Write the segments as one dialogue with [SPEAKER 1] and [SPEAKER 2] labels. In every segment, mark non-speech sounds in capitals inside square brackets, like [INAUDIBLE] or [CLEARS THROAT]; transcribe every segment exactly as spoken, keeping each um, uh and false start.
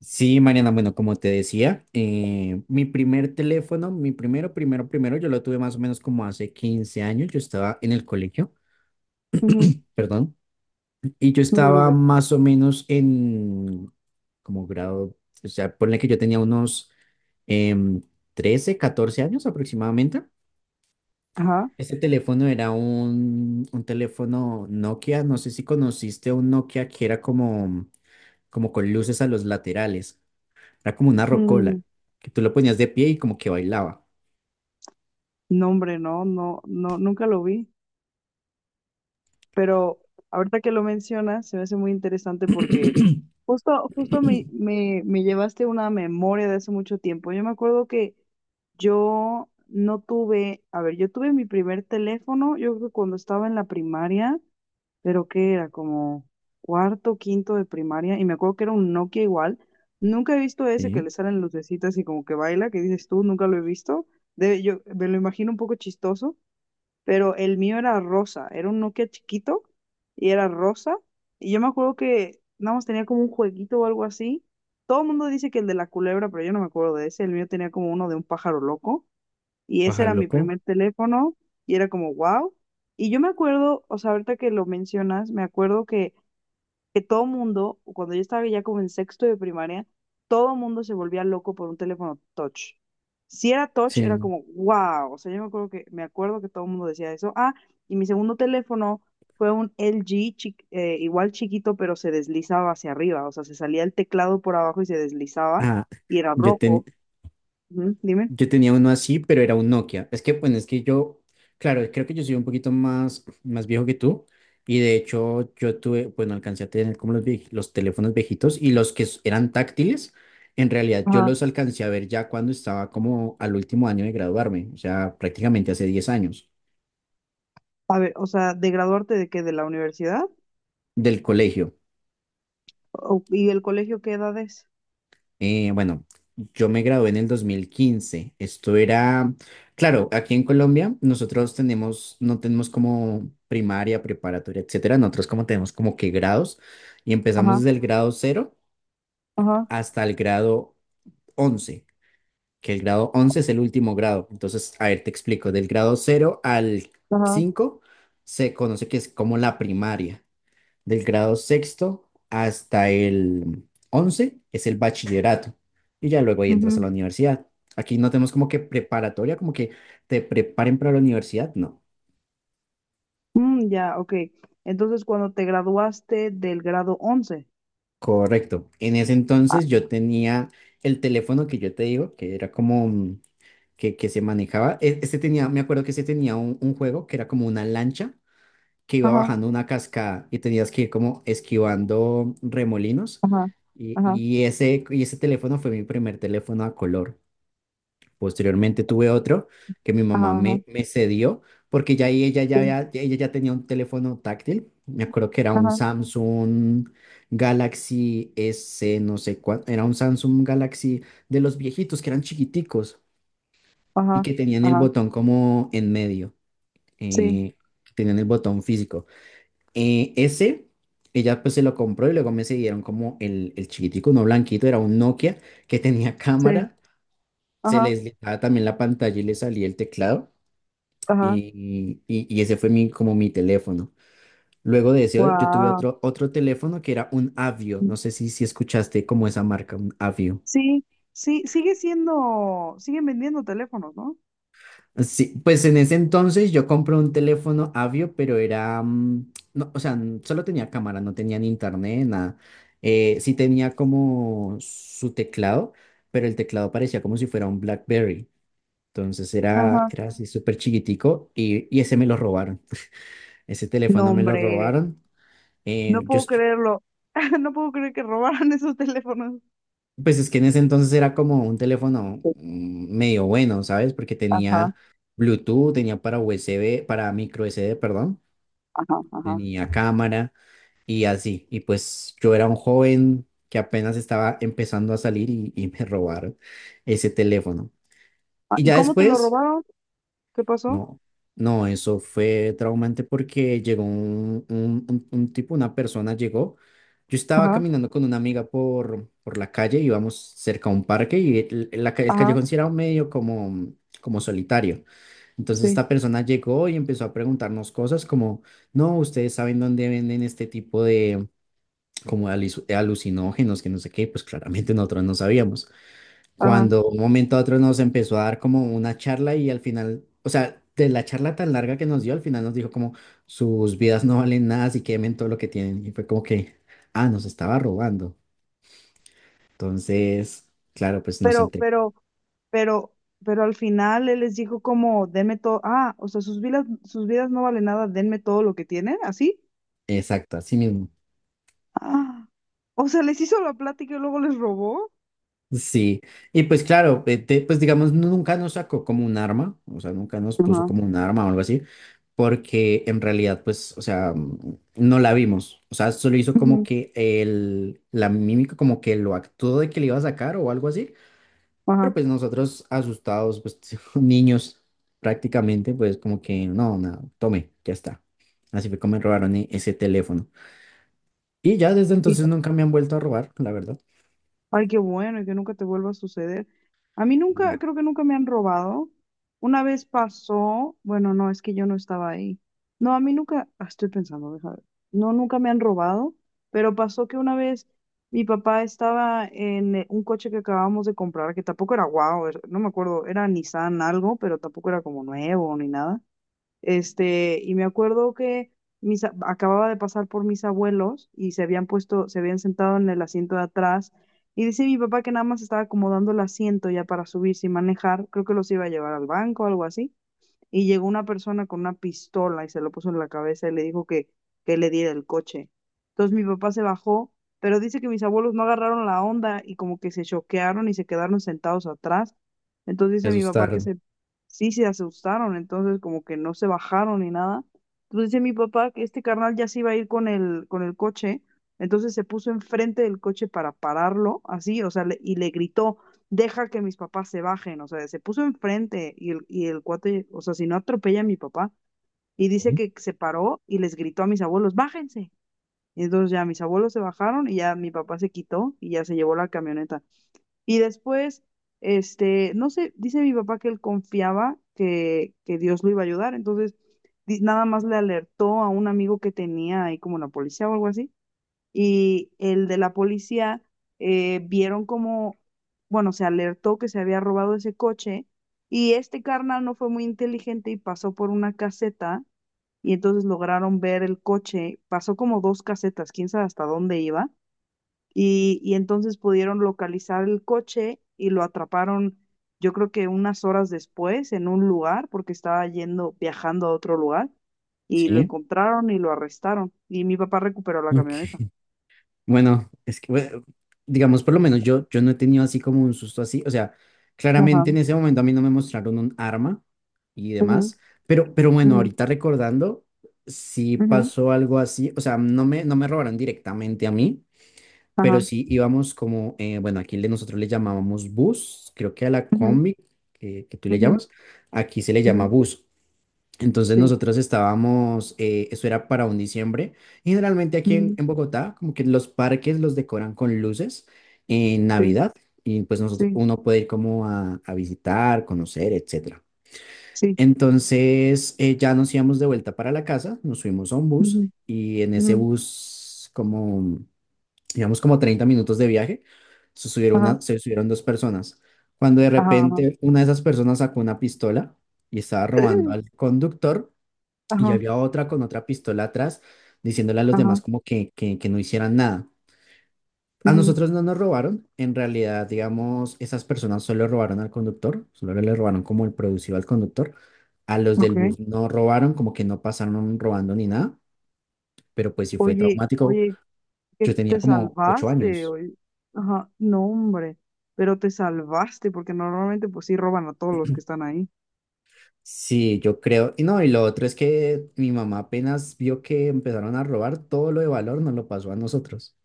[SPEAKER 1] Sí, Mariana, bueno, como te decía, eh, mi primer teléfono, mi primero, primero, primero, yo lo tuve más o menos como hace quince años. Yo estaba en el colegio,
[SPEAKER 2] Ujú.
[SPEAKER 1] perdón, y yo
[SPEAKER 2] No te
[SPEAKER 1] estaba
[SPEAKER 2] preocupes.
[SPEAKER 1] más o menos en como grado. O sea, ponle que yo tenía unos em, trece, catorce años aproximadamente.
[SPEAKER 2] Ajá.
[SPEAKER 1] Este teléfono era un, un teléfono Nokia. No sé si conociste un Nokia que era como, como con luces a los laterales. Era como una rocola,
[SPEAKER 2] Mm,
[SPEAKER 1] que tú lo ponías de pie y como que bailaba.
[SPEAKER 2] no, hombre, no, no, no, nunca lo vi. Pero ahorita que lo mencionas, se me hace muy interesante porque
[SPEAKER 1] [CLEARS THROAT]
[SPEAKER 2] justo, justo me, me, me llevaste una memoria de hace mucho tiempo. Yo me acuerdo que yo no tuve, a ver, yo tuve mi primer teléfono, yo creo que cuando estaba en la primaria, pero que era como cuarto, quinto de primaria, y me acuerdo que era un Nokia igual. Nunca he visto ese que
[SPEAKER 1] Sí,
[SPEAKER 2] le salen lucecitas y como que baila, que dices tú, nunca lo he visto. De Yo me lo imagino un poco chistoso, pero el mío era rosa, era un Nokia chiquito y era rosa. Y yo me acuerdo que nada más tenía como un jueguito o algo así. Todo el mundo dice que el de la culebra, pero yo no me acuerdo de ese. El mío tenía como uno de un pájaro loco. Y ese
[SPEAKER 1] pájaro
[SPEAKER 2] era mi
[SPEAKER 1] loco.
[SPEAKER 2] primer teléfono y era como, wow. Y yo me acuerdo, o sea, ahorita que lo mencionas, me acuerdo que, que todo mundo, cuando yo estaba ya como en sexto de primaria, todo mundo se volvía loco por un teléfono touch. Si era touch, era
[SPEAKER 1] Sí.
[SPEAKER 2] como, wow. O sea, yo me acuerdo que, me acuerdo que todo el mundo decía eso. Ah, y mi segundo teléfono fue un L G, chi- eh, igual chiquito, pero se deslizaba hacia arriba. O sea, se salía el teclado por abajo y se deslizaba
[SPEAKER 1] Ah,
[SPEAKER 2] y era
[SPEAKER 1] yo, ten-
[SPEAKER 2] rojo. Ujú, dime.
[SPEAKER 1] yo tenía uno así, pero era un Nokia. Es que, bueno, es que yo, claro, creo que yo soy un poquito más, más viejo que tú. Y de hecho, yo tuve, bueno, alcancé a tener como los, vie- los teléfonos viejitos y los que s- eran táctiles. En realidad yo los alcancé a ver ya cuando estaba como al último año de graduarme, o sea, prácticamente hace diez años
[SPEAKER 2] A ver, o sea, ¿de graduarte de qué? ¿De la universidad?
[SPEAKER 1] del colegio.
[SPEAKER 2] O- ¿y el colegio qué edad es?
[SPEAKER 1] Eh, bueno, yo me gradué en el dos mil quince. Esto era, claro, aquí en Colombia nosotros tenemos, no tenemos como primaria, preparatoria, etcétera. Nosotros como tenemos como que grados y empezamos
[SPEAKER 2] Ajá,
[SPEAKER 1] desde el grado cero
[SPEAKER 2] ajá,
[SPEAKER 1] hasta el grado once, que el grado once es el último grado. Entonces, a ver, te explico, del grado cero al
[SPEAKER 2] ajá.
[SPEAKER 1] cinco se conoce que es como la primaria. Del grado sexto hasta el once es el bachillerato y ya luego ahí entras a la
[SPEAKER 2] Ujú.
[SPEAKER 1] universidad. Aquí no tenemos como que preparatoria, como que te preparen para la universidad, no.
[SPEAKER 2] Mm, ya, ok. Entonces, cuando te graduaste del grado once.
[SPEAKER 1] Correcto. En ese
[SPEAKER 2] Ah.
[SPEAKER 1] entonces yo tenía el teléfono que yo te digo, que era como mm, que, que se manejaba. E- Este tenía, me acuerdo que este tenía un, un juego que era como una lancha que iba
[SPEAKER 2] Ajá,
[SPEAKER 1] bajando una cascada y tenías que ir como esquivando remolinos.
[SPEAKER 2] ajá,
[SPEAKER 1] Y,
[SPEAKER 2] ajá,
[SPEAKER 1] y ese, y ese teléfono fue mi primer teléfono a color. Posteriormente tuve otro que mi mamá
[SPEAKER 2] ajá, ajá,
[SPEAKER 1] me, me cedió, porque ya ahí ella ya,
[SPEAKER 2] sí,
[SPEAKER 1] había- ya- ella ya tenía un teléfono táctil. Me acuerdo que era un
[SPEAKER 2] ajá,
[SPEAKER 1] Samsung Galaxy S, no sé cuánto. Era un Samsung Galaxy de los viejitos que eran chiquiticos y
[SPEAKER 2] ajá,
[SPEAKER 1] que tenían el
[SPEAKER 2] ajá,
[SPEAKER 1] botón como en medio.
[SPEAKER 2] sí,
[SPEAKER 1] eh, tenían el botón físico. Eh, ese, ella pues se lo compró y luego me cedieron como el, el chiquitico, no blanquito, era un Nokia que tenía [LAUGHS]
[SPEAKER 2] sí,
[SPEAKER 1] cámara. Se
[SPEAKER 2] ajá,
[SPEAKER 1] les daba también la pantalla y le salía el teclado.
[SPEAKER 2] ajá,
[SPEAKER 1] Y y- y ese fue mi, como mi teléfono. Luego de ese, yo tuve
[SPEAKER 2] wow.
[SPEAKER 1] otro, otro teléfono que era un Avio. No sé si, si escuchaste como esa marca, un Avio.
[SPEAKER 2] Sí, sí, sigue siendo, siguen vendiendo teléfonos, ¿no?
[SPEAKER 1] Sí, pues en ese entonces yo compré un teléfono Avio, pero era, mm, no, o sea, n- solo tenía cámara, no tenía ni internet, nada. Eh, sí tenía como su teclado, pero el teclado parecía como si fuera un BlackBerry. Entonces era,
[SPEAKER 2] Ajá.
[SPEAKER 1] era así súper chiquitico, y, y ese me lo robaron. Ese
[SPEAKER 2] No,
[SPEAKER 1] teléfono me lo
[SPEAKER 2] hombre,
[SPEAKER 1] robaron. Eh,
[SPEAKER 2] no
[SPEAKER 1] yo,
[SPEAKER 2] puedo
[SPEAKER 1] est-
[SPEAKER 2] creerlo. [LAUGHS] No puedo creer que robaran [LAUGHS] esos teléfonos.
[SPEAKER 1] Pues es que en ese entonces era como un teléfono mm, medio bueno, ¿sabes? Porque
[SPEAKER 2] Ajá,
[SPEAKER 1] tenía Bluetooth, tenía para U S B, para micro S D, perdón,
[SPEAKER 2] ajá, ajá.
[SPEAKER 1] tenía cámara y así. Y pues yo era un joven que apenas estaba empezando a salir, y, y me [LAUGHS] robaron ese teléfono.
[SPEAKER 2] Ah,
[SPEAKER 1] Y
[SPEAKER 2] ¿y
[SPEAKER 1] ya
[SPEAKER 2] cómo te lo
[SPEAKER 1] después
[SPEAKER 2] robaron? ¿Qué pasó?
[SPEAKER 1] no, no, eso fue traumante, porque llegó un, un, un- un tipo, una persona llegó. Yo estaba
[SPEAKER 2] Ajá,
[SPEAKER 1] caminando con una amiga por, por la calle, íbamos cerca a un parque y el, el- la ca- el
[SPEAKER 2] ajá,
[SPEAKER 1] callejón sí era medio como, como solitario. Entonces
[SPEAKER 2] sí,
[SPEAKER 1] esta persona llegó y empezó a preguntarnos cosas como, no, ustedes saben dónde venden este tipo de como de alis- de alucinógenos, que no sé qué, pues claramente nosotros no sabíamos,
[SPEAKER 2] ajá.
[SPEAKER 1] cuando un momento a otro nos empezó a dar como una charla, y al final, o sea, de la charla tan larga que nos dio, al final nos dijo como sus vidas no valen nada, así que quemen todo lo que tienen. Y fue como que, ah, nos estaba robando. Entonces, claro, pues nos
[SPEAKER 2] Pero,
[SPEAKER 1] enteramos.
[SPEAKER 2] pero, pero, pero al final él les dijo como, denme todo, ah, o sea, sus vidas, sus vidas no valen nada, denme todo lo que tienen, ¿así?
[SPEAKER 1] Exacto, así mismo.
[SPEAKER 2] Ah, o sea, les hizo la plática y luego les robó.
[SPEAKER 1] Sí, y pues claro, eh, te- pues digamos, no, nunca nos sacó como un arma, o sea, nunca nos puso
[SPEAKER 2] Ajá,
[SPEAKER 1] como un arma o algo así, porque en realidad, pues, o sea, mm, no la vimos, o sea, solo hizo como
[SPEAKER 2] ujú,
[SPEAKER 1] que el, la mímica, como que lo actuó de que le iba a sacar o algo así, pero
[SPEAKER 2] ajá.
[SPEAKER 1] pues nosotros asustados, pues [LAUGHS] niños prácticamente, pues como que no, nada, tome, ya está. Así fue como me robaron e- ese teléfono. Y ya desde entonces nunca me han vuelto a robar, la verdad.
[SPEAKER 2] Ay, qué bueno, y que nunca te vuelva a suceder. A mí nunca,
[SPEAKER 1] No,
[SPEAKER 2] creo que nunca me han robado. Una vez pasó, bueno, no, es que yo no estaba ahí. No, a mí nunca, ah, estoy pensando, deja ver. No, nunca me han robado, pero pasó que una vez mi papá estaba en eh, un coche que acabábamos de comprar, que tampoco era guau, era- no me acuerdo, era Nissan algo, pero tampoco era como nuevo ni nada. Este, y me acuerdo que mis, a- acababa de pasar por mis abuelos y se habían puesto, se habían sentado en el asiento de atrás. Y dice mi papá que nada más estaba acomodando el asiento ya para subirse y manejar. Creo que los iba a llevar al banco o algo así. Y llegó una persona con una pistola y se lo puso en la cabeza y le dijo que, que, le diera el coche. Entonces mi papá se bajó, pero dice que mis abuelos no agarraron la onda y como que se choquearon y se quedaron sentados atrás. Entonces
[SPEAKER 1] se
[SPEAKER 2] dice mi papá que
[SPEAKER 1] asustaron.
[SPEAKER 2] se, sí se asustaron, entonces como que no se bajaron ni nada. Entonces dice mi papá que este carnal ya se iba a ir con el, con el coche, entonces se puso enfrente del coche para pararlo, así, o sea, le- y le gritó deja que mis papás se bajen, o sea, se puso enfrente y el, y el cuate, o sea, si no atropella a mi papá, y dice
[SPEAKER 1] Sí.
[SPEAKER 2] que se paró y les gritó a mis abuelos, bájense. Y entonces ya mis abuelos se bajaron y ya mi papá se quitó y ya se llevó la camioneta. Y después, este, no sé, dice mi papá que él confiaba que, que Dios lo iba a ayudar, entonces di- nada más le alertó a un amigo que tenía ahí como la policía o algo así, y el de la policía eh, vieron como, bueno, se alertó que se había robado ese coche y este carnal no fue muy inteligente y pasó por una caseta y entonces lograron ver el coche, pasó como dos casetas, quién sabe hasta dónde iba y, y entonces pudieron localizar el coche y lo atraparon. Yo creo que unas horas después en un lugar, porque estaba yendo, viajando a otro lugar, y lo
[SPEAKER 1] Sí.
[SPEAKER 2] encontraron y lo arrestaron. Y mi papá recuperó la camioneta.
[SPEAKER 1] Ok. Bueno, es que, bueno, digamos, por lo menos yo, yo no he tenido así como un susto así. O sea,
[SPEAKER 2] Ajá.
[SPEAKER 1] claramente en ese momento a mí no me mostraron un arma y
[SPEAKER 2] Ujú.
[SPEAKER 1] demás, pero, pero, bueno,
[SPEAKER 2] Ujú,
[SPEAKER 1] ahorita recordando, sí
[SPEAKER 2] ujú,
[SPEAKER 1] pasó algo así. O sea, no me, no me robaron directamente a mí, pero
[SPEAKER 2] ajá,
[SPEAKER 1] sí íbamos como, eh, bueno, aquí le, nosotros le llamábamos bus, creo que a la
[SPEAKER 2] ujú,
[SPEAKER 1] combi que, que tú le
[SPEAKER 2] ujú,
[SPEAKER 1] llamas, aquí se le llama
[SPEAKER 2] ujú,
[SPEAKER 1] bus. Entonces
[SPEAKER 2] sí,
[SPEAKER 1] nosotros estábamos, eh, eso era para un diciembre, y generalmente aquí en,
[SPEAKER 2] ujú,
[SPEAKER 1] en Bogotá, como que los parques los decoran con luces en
[SPEAKER 2] sí,
[SPEAKER 1] Navidad, y pues nosotros,
[SPEAKER 2] sí,
[SPEAKER 1] uno puede ir como a, a visitar, conocer, etcétera.
[SPEAKER 2] sí,
[SPEAKER 1] Entonces eh, ya nos íbamos de vuelta para la casa, nos subimos a un
[SPEAKER 2] ujú,
[SPEAKER 1] bus, y en ese
[SPEAKER 2] ujú,
[SPEAKER 1] bus, como, digamos, como treinta minutos de viaje, se subieron,
[SPEAKER 2] ajá,
[SPEAKER 1] una- se subieron dos personas. Cuando de
[SPEAKER 2] ajá, ajá,
[SPEAKER 1] repente una de esas personas sacó una pistola y estaba robando
[SPEAKER 2] ¡eh!
[SPEAKER 1] al conductor, y
[SPEAKER 2] Ajá,
[SPEAKER 1] había otra con otra pistola atrás, diciéndole a los
[SPEAKER 2] ajá,
[SPEAKER 1] demás como que, que, que no hicieran nada. A
[SPEAKER 2] ujú,
[SPEAKER 1] nosotros no nos robaron, en realidad, digamos, esas personas solo robaron al conductor, solo le robaron como el producido al conductor. A los del
[SPEAKER 2] okay.
[SPEAKER 1] bus no robaron, como que no pasaron robando ni nada, pero pues sí fue
[SPEAKER 2] Oye,
[SPEAKER 1] traumático.
[SPEAKER 2] oye, que
[SPEAKER 1] Yo tenía
[SPEAKER 2] te
[SPEAKER 1] como ocho
[SPEAKER 2] salvaste,
[SPEAKER 1] años.
[SPEAKER 2] oye. Ajá, no, hombre, pero te salvaste, porque normalmente pues sí roban a todos los que están ahí.
[SPEAKER 1] Sí, yo creo. Y no, y lo otro es que mi mamá, apenas vio que empezaron a robar, todo lo de valor nos lo pasó a nosotros,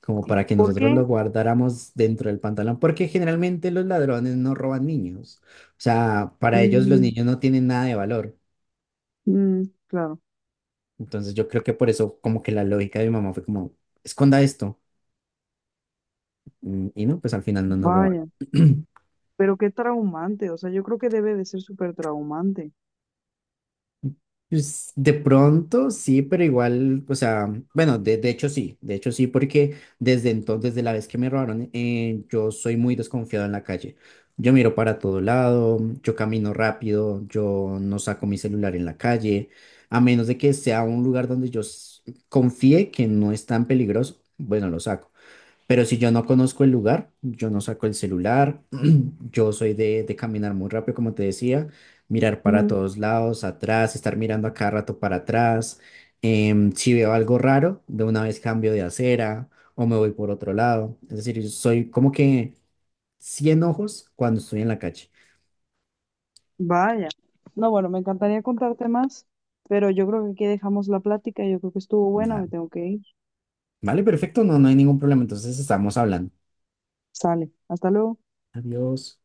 [SPEAKER 1] como para que
[SPEAKER 2] ¿Por
[SPEAKER 1] nosotros
[SPEAKER 2] qué?
[SPEAKER 1] lo guardáramos dentro del pantalón, porque generalmente los ladrones no roban niños. O sea, para ellos los
[SPEAKER 2] Mm,
[SPEAKER 1] niños no tienen nada de valor.
[SPEAKER 2] mm, claro.
[SPEAKER 1] Entonces yo creo que por eso como que la lógica de mi mamá fue como, esconda esto. Mm, Y no, pues al final no nos robaron.
[SPEAKER 2] Vaya, pero qué traumante, o sea, yo creo que debe de ser súper traumante.
[SPEAKER 1] Pues, de pronto sí, pero igual, o sea, bueno, de, de hecho sí, de hecho sí, porque desde entonces, desde la vez que me robaron, eh, yo soy muy desconfiado en la calle. Yo miro para todo lado, yo camino rápido, yo no saco mi celular en la calle, a menos de que sea un lugar donde yo s- confíe que no es tan peligroso, bueno, lo saco. Pero si yo no conozco el lugar, yo no saco el celular. [CLEARS THROAT] Yo soy de, de caminar muy rápido, como te decía, mirar para todos lados, atrás, estar mirando a cada rato para atrás. Em, si veo algo raro, de una vez cambio de acera o me voy por otro lado. Es decir, yo soy como que cien ojos cuando estoy en la calle.
[SPEAKER 2] Vaya. No, bueno, me encantaría contarte más, pero yo creo que aquí dejamos la plática. Yo creo que estuvo buena,
[SPEAKER 1] Ah,
[SPEAKER 2] me tengo que ir.
[SPEAKER 1] vale, perfecto, no, no hay ningún problema. Entonces estamos hablando.
[SPEAKER 2] Sale. Hasta luego.
[SPEAKER 1] Adiós.